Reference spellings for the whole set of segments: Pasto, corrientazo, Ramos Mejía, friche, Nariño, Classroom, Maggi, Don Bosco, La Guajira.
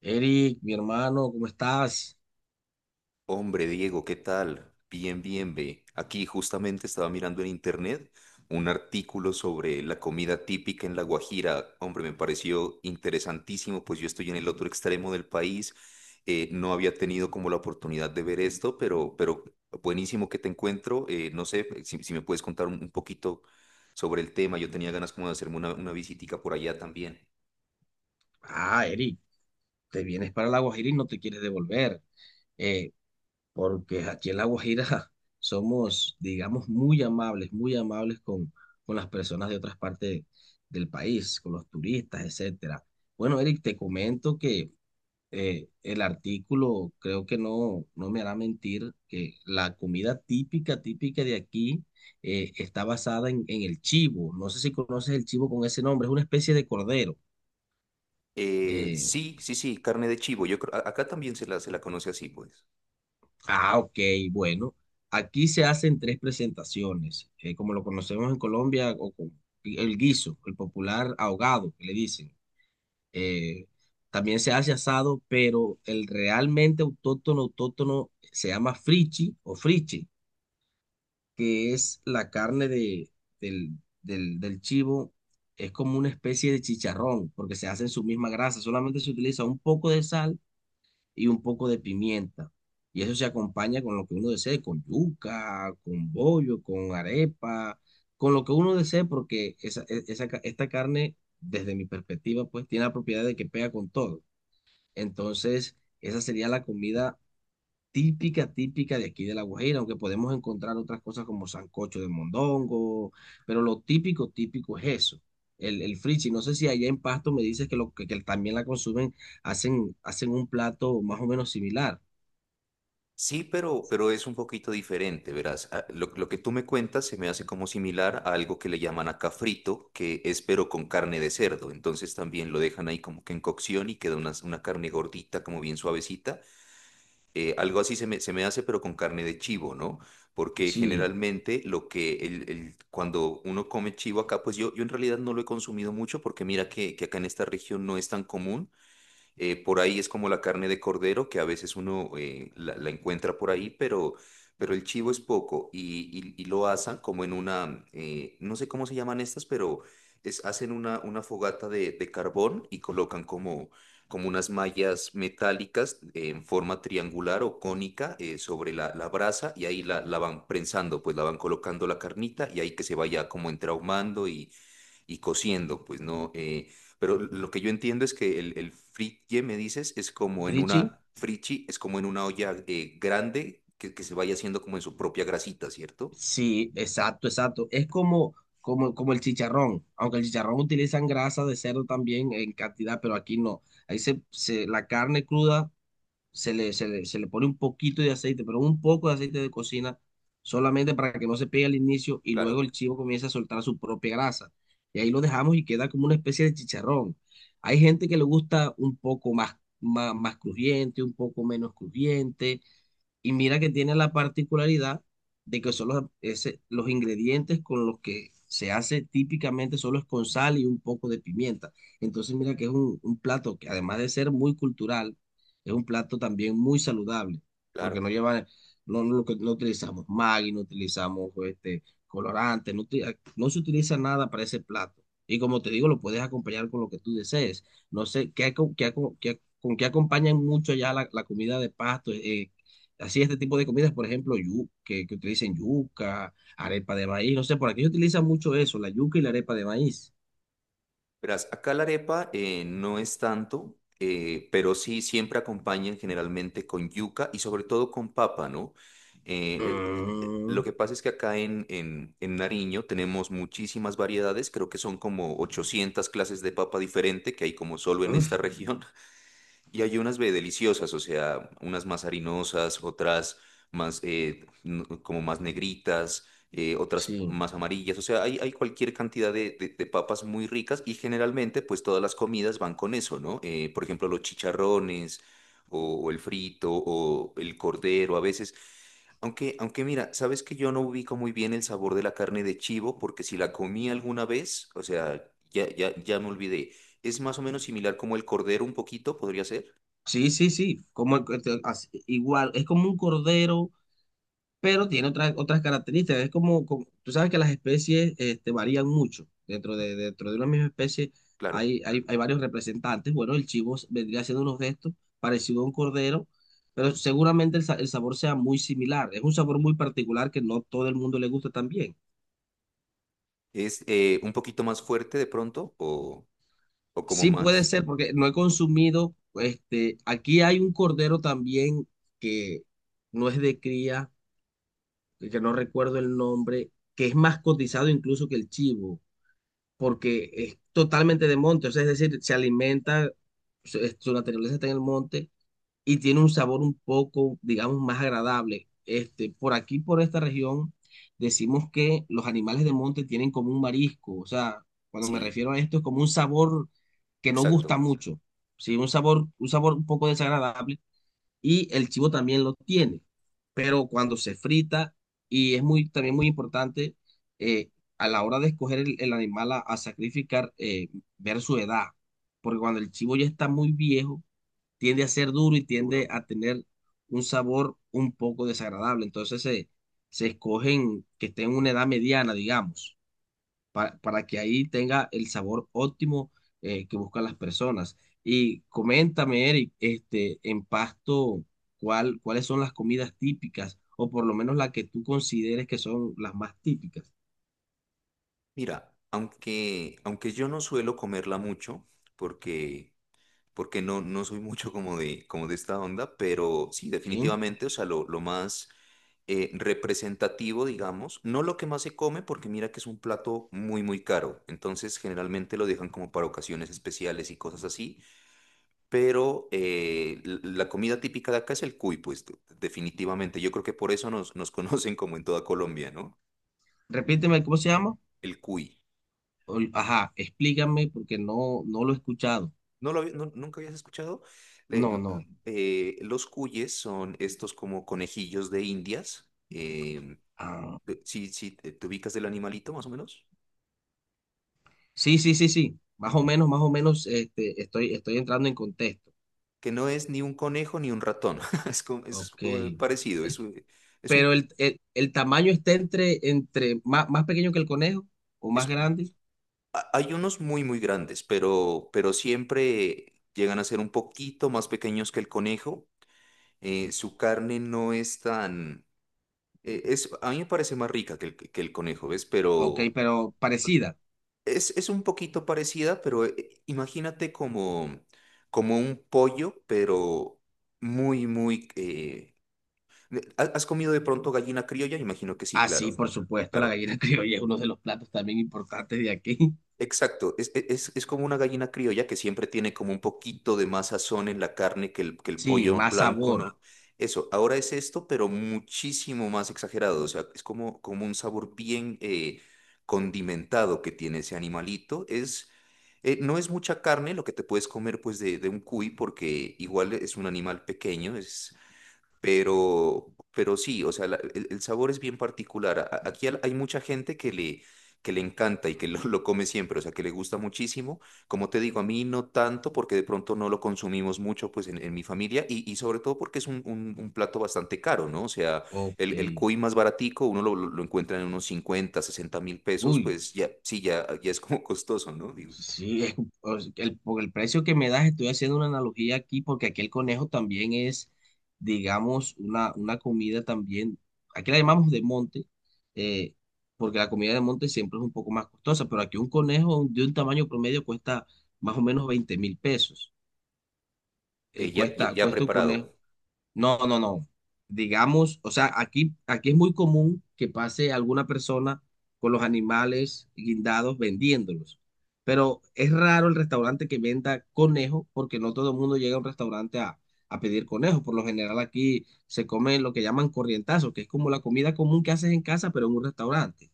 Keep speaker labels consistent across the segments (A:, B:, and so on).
A: Eric, mi hermano, ¿cómo estás?
B: Hombre, Diego, ¿qué tal? Bien, bien, ve. Aquí justamente estaba mirando en internet un artículo sobre la comida típica en La Guajira. Hombre, me pareció interesantísimo, pues yo estoy en el otro extremo del país. No había tenido como la oportunidad de ver esto, pero buenísimo que te encuentro. No sé si me puedes contar un poquito sobre el tema. Yo tenía ganas como de hacerme una visitica por allá también.
A: Ah, Eric, te vienes para La Guajira y no te quieres devolver, eh, porque aquí en La Guajira somos, digamos, muy amables con las personas de otras partes del país, con los turistas, etcétera. Bueno, Eric, te comento que el artículo, creo que no me hará mentir, que la comida típica, típica de aquí está basada en el chivo. No sé si conoces el chivo con ese nombre, es una especie de cordero. Eh,
B: Sí, sí, sí, carne de chivo. Acá también se la conoce así, pues.
A: ah, ok, bueno. Aquí se hacen tres presentaciones, como lo conocemos en Colombia, o con el guiso, el popular ahogado, que le dicen. Eh, También se hace asado, pero el realmente autóctono, autóctono se llama frichi o friche, que es la carne del, del chivo. Es como una especie de chicharrón, porque se hace en su misma grasa, solamente se utiliza un poco de sal y un poco de pimienta. Y eso se acompaña con lo que uno desee, con yuca, con bollo, con arepa, con lo que uno desee, porque esa, e- esa ca- esta carne, desde mi perspectiva, pues tiene la propiedad de que pega con todo. Entonces, esa sería la comida típica, típica de aquí de La Guajira, aunque podemos encontrar otras cosas como sancocho de mondongo, pero lo típico, típico es eso. El frichi, no sé si allá en Pasto me dices que también la consumen, hacen un plato más o menos similar.
B: Sí, pero es un poquito diferente, verás. Ah, lo que tú me cuentas se me hace como similar a algo que le llaman acá frito, que es pero con carne de cerdo. Entonces también lo dejan ahí como que en cocción y queda una carne gordita, como bien suavecita. Algo así se me hace, pero con carne de chivo, ¿no? Porque
A: Sí,
B: generalmente lo que cuando uno come chivo acá, pues yo en realidad no lo he consumido mucho porque mira que acá en esta región no es tan común. Por ahí es como la carne de cordero, que a veces uno la encuentra por ahí, pero el chivo es poco y lo asan como en una, no sé cómo se llaman estas, pero es, hacen una fogata de carbón y colocan como, como unas mallas metálicas en forma triangular o cónica sobre la brasa y ahí la van prensando, pues la van colocando la carnita y ahí que se vaya como entrahumando y cociendo, pues no. Pero lo que yo entiendo es que el fritie, me dices, es como en
A: Frichi,
B: una frichi, es como en una olla grande que se vaya haciendo como en su propia grasita, ¿cierto?
A: sí, exacto, exacto. Es como, como, como el chicharrón, aunque el chicharrón utilizan grasa de cerdo también en cantidad, pero aquí no. La carne cruda se le pone un poquito de aceite, pero un poco de aceite de cocina, solamente para que no se pegue al inicio y
B: Claro.
A: luego el chivo comienza a soltar su propia grasa. Y ahí lo dejamos y queda como una especie de chicharrón. Hay gente que le gusta un poco más, más, más crujiente, un poco menos crujiente. Y mira que tiene la particularidad de que son los ingredientes con los que se hace típicamente solo es con sal y un poco de pimienta. Entonces mira que es un plato que además de ser muy cultural, es un plato también muy saludable, porque no
B: Claro.
A: lleva, no utilizamos Maggi, no utilizamos colorante, no se utiliza nada para ese plato. Y como te digo, lo puedes acompañar con lo que tú desees. No sé, ¿ con qué acompañan mucho ya la comida de pasto? Así este tipo de comidas, por ejemplo, que utilicen yuca, arepa de maíz, no sé, por aquí se utiliza mucho eso, la yuca y la arepa de maíz.
B: Verás, acá la arepa no es tanto, pero sí siempre acompañan generalmente con yuca y sobre todo con papa, ¿no? Lo
A: Mm,
B: que pasa es que acá en Nariño tenemos muchísimas variedades, creo que son como 800 clases de papa diferente que hay como solo en esta
A: uf,
B: región. Y hay unas ve, deliciosas, o sea, unas más harinosas, otras más como más negritas, otras
A: sí,
B: más amarillas, o sea, hay cualquier cantidad de papas muy ricas y generalmente pues todas las comidas van con eso, ¿no? Por ejemplo, los chicharrones o el frito o el cordero a veces. Aunque mira, sabes que yo no ubico muy bien el sabor de la carne de chivo porque si la comí alguna vez, o sea, ya me olvidé. Es más o menos similar como el cordero un poquito, podría ser.
A: sí, sí, sí, como igual, es como un cordero pero tiene otras, otras características. Es como, tú sabes que las especies varían mucho. Dentro de una misma especie
B: Claro.
A: hay, hay, hay varios representantes. Bueno, vendría haciendo unos gestos parecido a un cordero, pero seguramente el sabor sea muy similar. Es un sabor muy particular que no todo el mundo le gusta también.
B: Es un poquito más fuerte de pronto o como
A: Sí puede
B: más.
A: ser, porque no he consumido, aquí hay un cordero también que no es de cría, que no recuerdo el nombre, que es más cotizado incluso que el chivo porque es totalmente de monte, o sea, es decir, se alimenta, su naturaleza está en el monte y tiene un sabor un poco, digamos, más agradable. Por aquí, por esta región, decimos que los animales de monte tienen como un marisco, o sea, cuando me
B: Sí,
A: refiero a esto es como un sabor que no gusta
B: exacto.
A: mucho, sí, un sabor, un sabor un poco desagradable, y el chivo también lo tiene, pero cuando se frita, y es muy, también muy importante eh, a la hora de escoger el animal a sacrificar, ver su edad, porque cuando el chivo ya está muy viejo, tiende a ser duro y tiende
B: Duro.
A: a tener un sabor un poco desagradable, entonces se escogen que estén en una edad mediana, digamos para que ahí tenga el sabor óptimo que buscan las personas. Y coméntame, Eric, en Pasto, ¿ cuáles son las comidas típicas o por lo menos las que tú consideres que son las más típicas?
B: Mira, aunque yo no suelo comerla mucho porque, porque no, no soy mucho como de esta onda, pero sí,
A: ¿Sí?
B: definitivamente, o sea, lo más representativo, digamos, no lo que más se come porque mira que es un plato muy, muy caro. Entonces, generalmente lo dejan como para ocasiones especiales y cosas así, pero la comida típica de acá es el cuy, pues definitivamente. Yo creo que por eso nos conocen como en toda Colombia, ¿no?
A: Repíteme, ¿cómo se llama?
B: El cuy.
A: Ajá, explícame porque no lo he escuchado.
B: ¿No lo había- no- Nunca habías escuchado? Le-
A: No,
B: l-
A: no.
B: los cuyes son estos como conejillos de Indias.
A: Ah,
B: Si, te ubicas del animalito, más o menos.
A: sí, sí, sí, sí. Más o menos, estoy, estoy entrando en contexto.
B: Que no es ni un conejo ni un ratón. Es, como- es,
A: Ok.
B: Parecido. Es, un- es un,
A: Pero el tamaño está entre, entre más, más pequeño que el conejo o
B: es
A: más grande.
B: Hay unos muy, muy grandes, pero siempre llegan a ser un poquito más pequeños que el conejo. Su carne no es tan... es, a mí me parece más rica que el conejo, ¿ves?
A: Ok,
B: Pero
A: pero parecida.
B: es un poquito parecida, pero imagínate como, como un pollo, pero muy, muy... ¿has comido de pronto gallina criolla? Imagino que sí,
A: Ah,
B: claro,
A: sí, por supuesto,
B: claro.
A: la gallina criolla es uno de los platos también importantes de aquí.
B: Exacto, es como una gallina criolla que siempre tiene como un poquito de más sazón en la carne que el
A: Sí,
B: pollo
A: más
B: blanco,
A: sabor.
B: ¿no? Eso, ahora es esto, pero muchísimo más exagerado, o sea, es como, como un sabor bien condimentado que tiene ese animalito. No es mucha carne lo que te puedes comer pues de un cuy, porque igual es un animal pequeño, es pero sí, o sea, el sabor es bien particular. Aquí hay mucha gente que le encanta y que lo come siempre, o sea, que le gusta muchísimo. Como te digo, a mí no tanto porque de pronto no lo consumimos mucho pues en mi familia y sobre todo porque es un, un plato bastante caro, ¿no? O sea,
A: Ok.
B: el cuy más baratico uno lo encuentra en unos 50 o 60 mil pesos,
A: Uy,
B: pues ya, sí, ya es como costoso, ¿no? Digo,
A: Sí, es- o sea, por el precio que me das, estoy haciendo una analogía aquí, porque aquí el conejo también es, digamos, una comida también, aquí la llamamos de monte, eh, porque la comida de monte siempre es un poco más costosa, pero aquí un conejo de un tamaño promedio cuesta más o menos 20.000 pesos. Cuesta,
B: ya
A: cuesta un conejo,
B: preparado.
A: no, no, no. Digamos, o sea, aquí, aquí es muy común que pase alguna persona con los animales guindados vendiéndolos. Pero es raro el restaurante que venda conejo porque no todo el mundo llega a un restaurante a pedir conejo. Por lo general aquí se come lo que llaman corrientazo, que es como la comida común que haces en casa, pero en un restaurante.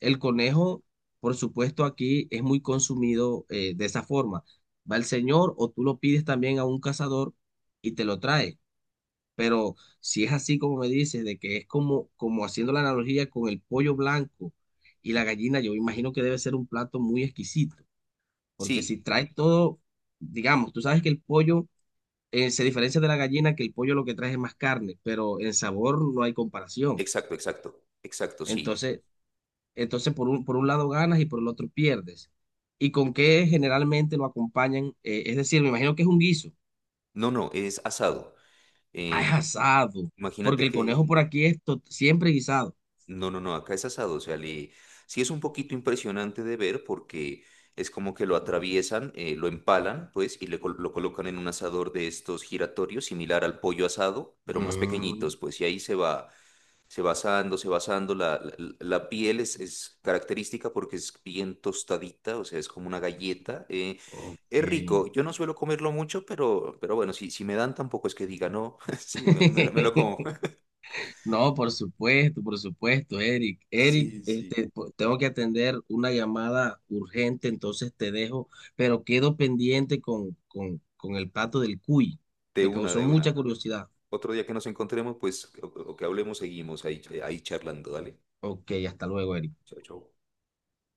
A: El conejo, por supuesto, aquí es muy consumido de esa forma. Va el señor o tú lo pides también a un cazador y te lo trae. Pero si es así como me dices, de que es como, como haciendo la analogía con el pollo blanco y la gallina, yo imagino que debe ser un plato muy exquisito, porque si
B: Sí,
A: trae todo, digamos, tú sabes que el pollo se diferencia de la gallina, que el pollo lo que trae es más carne, pero en sabor no hay comparación.
B: exacto, exacto, exacto, sí.
A: Entonces, entonces por por un lado ganas y por el otro pierdes. ¿Y con qué generalmente lo acompañan? Es decir, me imagino que es un guiso.
B: No, no, es asado.
A: Ah,
B: Eh,
A: es asado, porque
B: Imagínate
A: el conejo
B: que,
A: por aquí es siempre guisado.
B: no, no, no, acá es asado, o sea, le, sí es un poquito impresionante de ver porque es como que lo atraviesan, lo empalan, pues, y lo colocan en un asador de estos giratorios, similar al pollo asado, pero más
A: Mm.
B: pequeñitos, pues, y ahí se va asando, se va asando, la piel es característica porque es bien tostadita, o sea, es como una galleta, eh.
A: Ok.
B: Es rico, yo no suelo comerlo mucho, pero bueno, si me dan tampoco es que diga no, si me lo como.
A: No, por supuesto, Eric. Eric,
B: Sí, sí.
A: tengo que atender una llamada urgente, entonces te dejo, pero quedo pendiente con el plato del cuy.
B: De
A: Me
B: una,
A: causó
B: de
A: mucha
B: una.
A: curiosidad.
B: Otro día que nos encontremos, pues, o que hablemos, seguimos ahí, ahí charlando. Dale.
A: Ok, hasta luego, Eric.
B: Chao, chao.